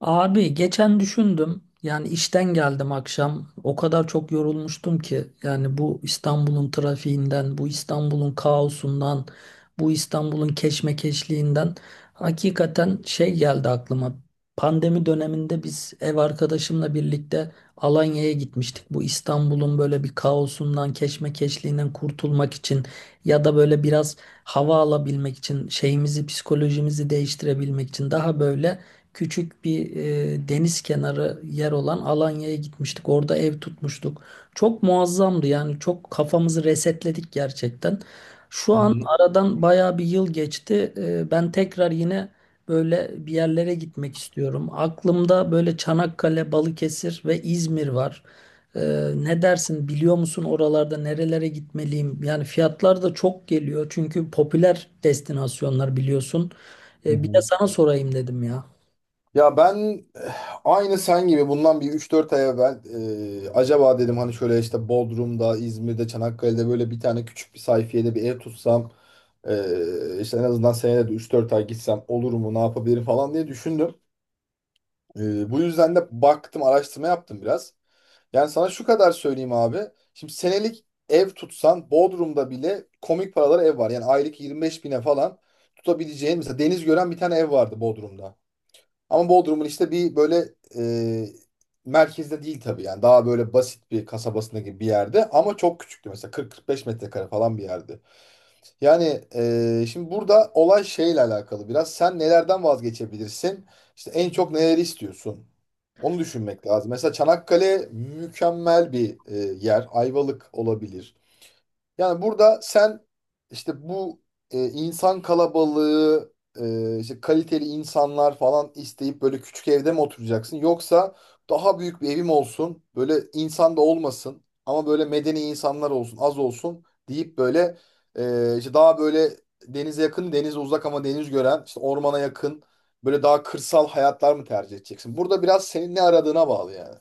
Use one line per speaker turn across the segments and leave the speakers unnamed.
Abi geçen düşündüm. İşten geldim akşam. O kadar çok yorulmuştum ki. Yani bu İstanbul'un trafiğinden, bu İstanbul'un kaosundan, bu İstanbul'un keşmekeşliğinden hakikaten şey geldi aklıma. Pandemi döneminde biz ev arkadaşımla birlikte Alanya'ya gitmiştik. Bu İstanbul'un böyle bir kaosundan, keşmekeşliğinden kurtulmak için ya da böyle biraz hava alabilmek için, şeyimizi, psikolojimizi değiştirebilmek için daha böyle küçük bir deniz kenarı yer olan Alanya'ya gitmiştik. Orada ev tutmuştuk. Çok muazzamdı, yani çok kafamızı resetledik gerçekten. Şu
Hı
an
hı,
aradan baya bir yıl geçti. Ben tekrar yine böyle bir yerlere gitmek istiyorum. Aklımda böyle Çanakkale, Balıkesir ve İzmir var. E, Ne dersin, biliyor musun oralarda nerelere gitmeliyim? Yani fiyatlar da çok geliyor, çünkü popüler destinasyonlar, biliyorsun.
hı
Bir de
hı.
sana sorayım dedim ya.
Ya ben aynı sen gibi bundan bir üç dört ay evvel acaba dedim hani şöyle işte Bodrum'da, İzmir'de, Çanakkale'de böyle bir tane küçük bir sayfiyede bir ev tutsam işte en azından senede de üç dört ay gitsem olur mu ne yapabilirim falan diye düşündüm. Eh, Bu yüzden de baktım araştırma yaptım biraz. Yani sana şu kadar söyleyeyim abi. Şimdi senelik ev tutsan Bodrum'da bile komik paralara ev var. Yani aylık 25 bine falan tutabileceğin mesela deniz gören bir tane ev vardı Bodrum'da. Ama Bodrum'un işte bir böyle e, merkezde değil tabii yani daha böyle basit bir kasabasında gibi bir yerde ama çok küçüktü mesela 40-45 metrekare falan bir yerdi. Yani şimdi burada olay şeyle alakalı biraz sen nelerden vazgeçebilirsin işte en çok neleri istiyorsun onu düşünmek lazım. Mesela Çanakkale mükemmel bir yer, Ayvalık olabilir. Yani burada sen işte bu insan kalabalığı, işte kaliteli insanlar falan isteyip böyle küçük evde mi oturacaksın? Yoksa daha büyük bir evim olsun, böyle insan da olmasın ama böyle medeni insanlar olsun, az olsun deyip böyle işte daha böyle denize yakın, denize uzak ama deniz gören, işte ormana yakın, böyle daha kırsal hayatlar mı tercih edeceksin? Burada biraz senin ne aradığına bağlı yani.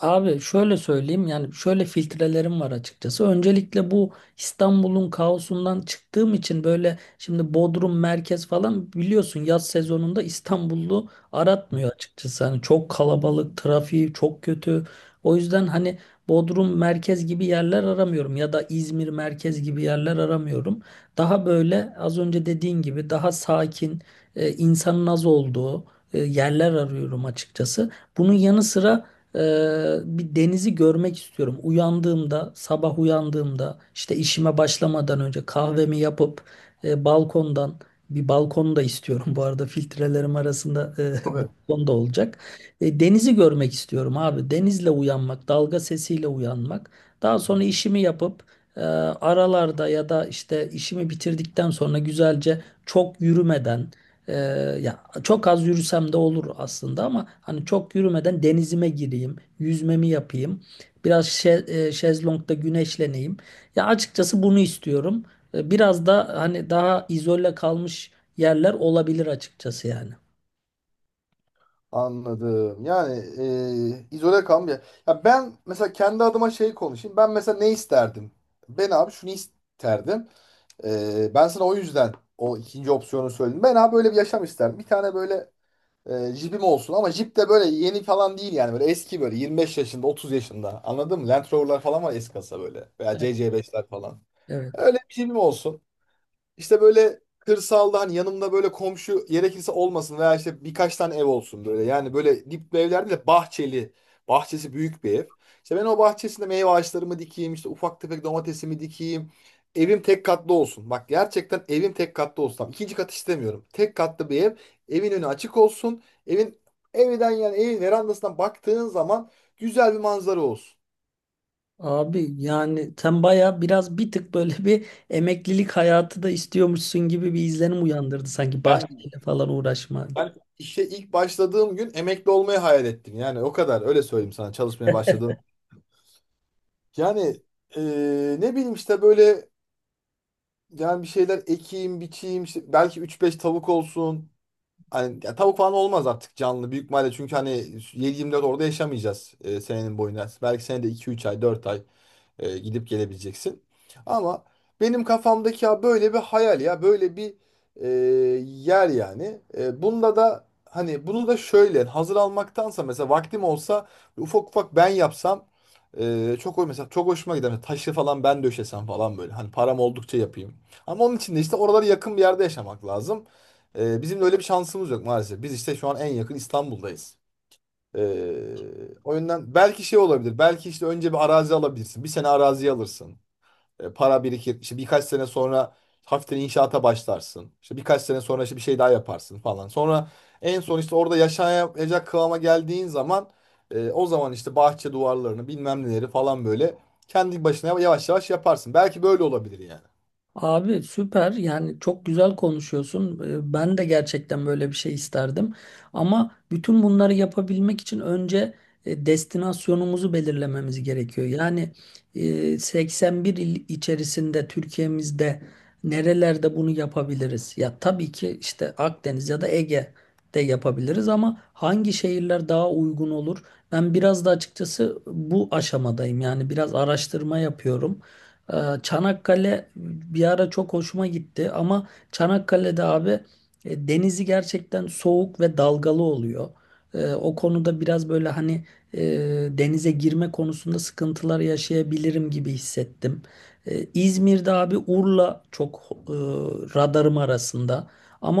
Abi şöyle söyleyeyim, yani şöyle filtrelerim var açıkçası. Öncelikle bu İstanbul'un kaosundan çıktığım için böyle, şimdi Bodrum merkez falan biliyorsun, yaz sezonunda İstanbullu aratmıyor açıkçası. Hani çok kalabalık, trafiği çok kötü. O yüzden hani Bodrum merkez gibi yerler aramıyorum ya da İzmir merkez gibi yerler aramıyorum. Daha böyle az önce dediğin gibi daha sakin, insanın az olduğu yerler arıyorum açıkçası. Bunun yanı sıra bir denizi görmek istiyorum. Uyandığımda, sabah uyandığımda işte işime başlamadan önce kahvemi yapıp balkondan, bir balkon da istiyorum. Bu arada filtrelerim arasında balkon da olacak. Denizi görmek istiyorum abi. Denizle uyanmak, dalga sesiyle uyanmak. Daha sonra işimi yapıp e, aralarda ya da işte işimi bitirdikten sonra güzelce çok yürümeden, e, ya çok az yürüsem de olur aslında, ama hani çok yürümeden denizime gireyim, yüzmemi yapayım, biraz şezlongda güneşleneyim. Ya açıkçası bunu istiyorum. Biraz da hani daha izole kalmış yerler olabilir açıkçası yani.
Anladım. Yani izole kalmıyor. Ya ben mesela kendi adıma şey konuşayım. Ben mesela ne isterdim? Ben abi şunu isterdim. Ben sana o yüzden o ikinci opsiyonu söyledim. Ben abi böyle bir yaşam isterdim. Bir tane böyle jipim olsun ama jip de böyle yeni falan değil yani. Böyle eski böyle 25 yaşında 30 yaşında, anladın mı? Land Rover'lar falan var eski kasa böyle. Veya
Evet.
CC5'ler falan.
Evet.
Öyle bir jipim olsun. İşte böyle kırsalda hani yanımda böyle komşu gerekirse olmasın veya işte birkaç tane ev olsun böyle. Yani böyle dip bir evlerde de bahçeli. Bahçesi büyük bir ev. İşte ben o bahçesinde meyve ağaçlarımı dikeyim, işte ufak tefek domatesimi dikeyim. Evim tek katlı olsun. Bak, gerçekten evim tek katlı olsun. Tamam, İkinci kat istemiyorum. Tek katlı bir ev. Evin önü açık olsun. Evin, evden yani evin verandasından baktığın zaman güzel bir manzara olsun.
Abi yani sen baya biraz bir tık böyle bir emeklilik hayatı da istiyormuşsun gibi bir izlenim uyandırdı, sanki
Ben
bahçeyle falan uğraşma.
Ben işe ilk başladığım gün emekli olmayı hayal ettim. Yani o kadar, öyle söyleyeyim sana çalışmaya başladığım. Yani ne bileyim işte böyle yani bir şeyler ekeyim, biçeyim, işte belki üç beş tavuk olsun. Hani ya tavuk falan olmaz artık canlı büyük ihtimalle çünkü hani 7-24 orada yaşamayacağız senenin boyunca. Belki senede iki üç ay, 4 ay. Gidip gelebileceksin. Ama benim kafamdaki ya böyle bir hayal ya böyle bir e, yer yani. Bunda da hani bunu da şöyle hazır almaktansa mesela vaktim olsa ufak ufak ben yapsam çok hoş, mesela çok hoşuma gider. Hani taşı falan ben döşesem falan böyle. Hani param oldukça yapayım. Ama onun için de işte oralara yakın bir yerde yaşamak lazım. Bizim de öyle bir şansımız yok maalesef. Biz işte şu an en yakın İstanbul'dayız. O yüzden belki şey olabilir. Belki işte önce bir arazi alabilirsin. Bir sene arazi alırsın. Para birikir. İşte birkaç sene sonra hafiften inşaata başlarsın. İşte birkaç sene sonra işte bir şey daha yaparsın falan. Sonra en son işte orada yaşayacak kıvama geldiğin zaman o zaman işte bahçe duvarlarını bilmem neleri falan böyle kendi başına yavaş yavaş yaparsın. Belki böyle olabilir yani.
Abi süper, yani çok güzel konuşuyorsun. Ben de gerçekten böyle bir şey isterdim. Ama bütün bunları yapabilmek için önce destinasyonumuzu belirlememiz gerekiyor. Yani 81 il içerisinde Türkiye'mizde nerelerde bunu yapabiliriz? Ya tabii ki işte Akdeniz ya da Ege'de yapabiliriz ama hangi şehirler daha uygun olur? Ben biraz da açıkçası bu aşamadayım. Yani biraz araştırma yapıyorum. Ee, Çanakkale bir ara çok hoşuma gitti, ama Çanakkale'de abi denizi gerçekten soğuk ve dalgalı oluyor. O konuda biraz böyle hani e, denize girme konusunda sıkıntılar yaşayabilirim gibi hissettim. İzmir'de abi Urla çok e, radarım arasında.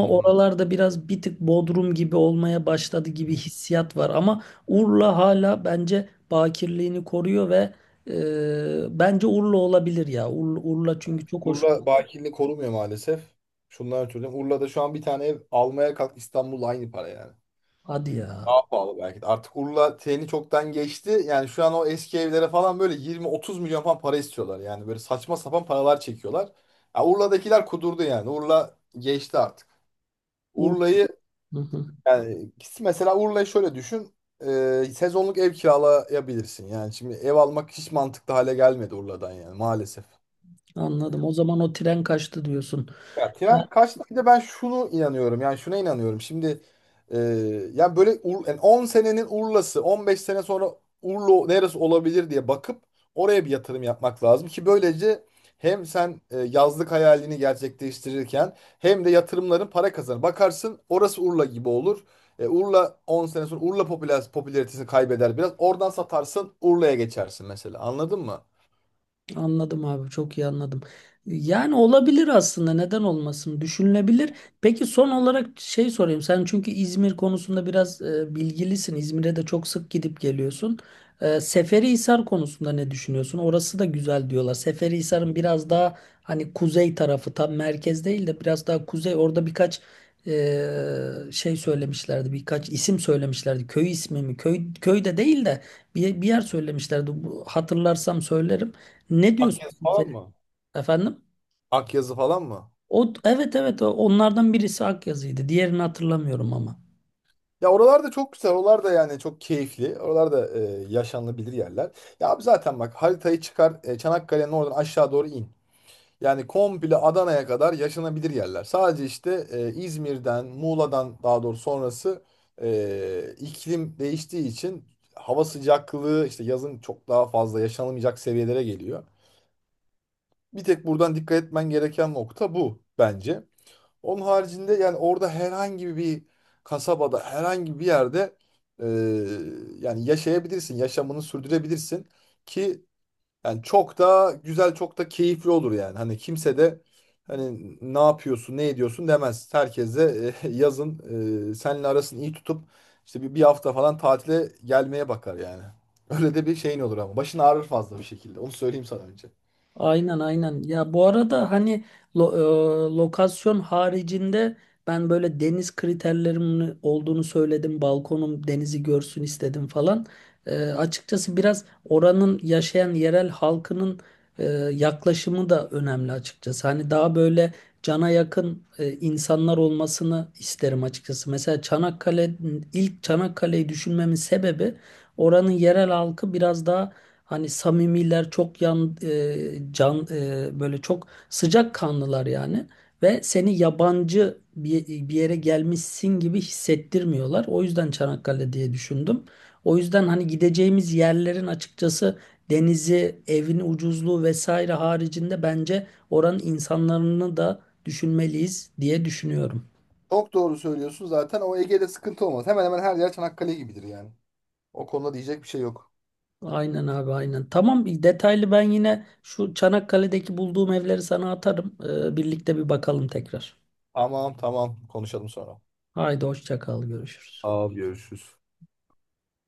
Hı hı.
oralarda biraz bir tık Bodrum gibi olmaya başladı gibi hissiyat var. Ama Urla hala bence bakirliğini koruyor ve bence Urla olabilir ya. Urla, Urla çünkü çok hoş.
Urla bakirliği korumuyor maalesef. Şundan ötürü: Urla'da şu an bir tane ev almaya kalk, İstanbul'la aynı para yani.
Hadi ya.
Daha pahalı belki de. Artık Urla treni çoktan geçti. Yani şu an o eski evlere falan böyle 20-30 milyon falan para istiyorlar. Yani böyle saçma sapan paralar çekiyorlar. Ya Urla'dakiler kudurdu yani. Urla geçti artık.
Urla.
Urla'yı,
Hı hı.
yani mesela Urla'yı şöyle düşün. Sezonluk ev kiralayabilirsin. Yani şimdi ev almak hiç mantıklı hale gelmedi Urla'dan yani maalesef.
Anladım. O zaman o tren kaçtı diyorsun.
Ya tren kaçtı. Bir de ben şunu inanıyorum. Yani şuna inanıyorum. Şimdi e, yani böyle yani 10 senenin Urla'sı, 15 sene sonra Urla neresi olabilir diye bakıp oraya bir yatırım yapmak lazım ki böylece hem sen yazlık hayalini gerçekleştirirken hem de yatırımların para kazanır. Bakarsın orası Urla gibi olur. Urla 10 sene sonra, Urla popüler, popülaritesini kaybeder biraz. Oradan satarsın, Urla'ya geçersin mesela. Anladın mı?
Anladım abi, çok iyi anladım. Yani olabilir aslında, neden olmasın, düşünülebilir. Peki son olarak şey sorayım, sen çünkü İzmir konusunda biraz bilgilisin. İzmir'e de çok sık gidip geliyorsun. Seferihisar konusunda ne düşünüyorsun? Orası da güzel diyorlar. Seferihisar'ın biraz daha hani kuzey tarafı, tam merkez değil de biraz daha kuzey, orada birkaç şey söylemişlerdi, birkaç isim söylemişlerdi, köy ismi mi, köy, köy de değil de bir yer söylemişlerdi. Bu- hatırlarsam söylerim. Ne diyorsun
Akyazı
sen
falan
Selim?
mı?
Efendim?
Akyazı falan mı?
O, evet evet, o- onlardan birisi Akyazı'ydı. Diğerini hatırlamıyorum ama.
Ya oralar da çok güzel. Oralar da yani çok keyifli. Oralar da yaşanılabilir yerler. Ya abi zaten bak, haritayı çıkar, Çanakkale'nin oradan aşağı doğru in. Yani komple Adana'ya kadar yaşanabilir yerler. Sadece işte İzmir'den, Muğla'dan daha doğru sonrası iklim değiştiği için hava sıcaklığı işte yazın çok daha fazla yaşanılmayacak seviyelere geliyor. Bir tek buradan dikkat etmen gereken nokta bu bence. Onun haricinde yani orada herhangi bir kasabada, herhangi bir yerde e, yani yaşayabilirsin, yaşamını sürdürebilirsin ki yani çok da güzel, çok da keyifli olur yani. Hani kimse de hani ne yapıyorsun, ne ediyorsun demez. Herkes de yazın seninle arasını iyi tutup işte bir hafta falan tatile gelmeye bakar yani. Öyle de bir şeyin olur ama. Başın ağrır fazla bir şekilde. Onu söyleyeyim sana önce.
Aynen aynen. Ya bu arada hani lo- lokasyon haricinde ben böyle deniz kriterlerimin olduğunu söyledim. Balkonum denizi görsün istedim falan. Açıkçası biraz oranın yaşayan yerel halkının e, yaklaşımı da önemli açıkçası. Hani daha böyle cana yakın insanlar olmasını isterim açıkçası. Mesela Çanakkale, ilk Çanakkale'yi düşünmemin sebebi oranın yerel halkı biraz daha, hani samimiler, çok böyle çok sıcak kanlılar yani, ve seni yabancı bir yere gelmişsin gibi hissettirmiyorlar. O yüzden Çanakkale diye düşündüm. O yüzden hani gideceğimiz yerlerin açıkçası denizi, evin ucuzluğu vesaire haricinde bence oranın insanlarını da düşünmeliyiz diye düşünüyorum.
Çok doğru söylüyorsun zaten. O, Ege'de sıkıntı olmaz. Hemen hemen her yer Çanakkale gibidir yani. O konuda diyecek bir şey yok.
Aynen abi aynen. Tamam, detaylı ben yine şu Çanakkale'deki bulduğum evleri sana atarım. Birlikte bir bakalım tekrar.
Aman tamam, konuşalım sonra.
Haydi hoşça kal, görüşürüz.
Abi görüşürüz.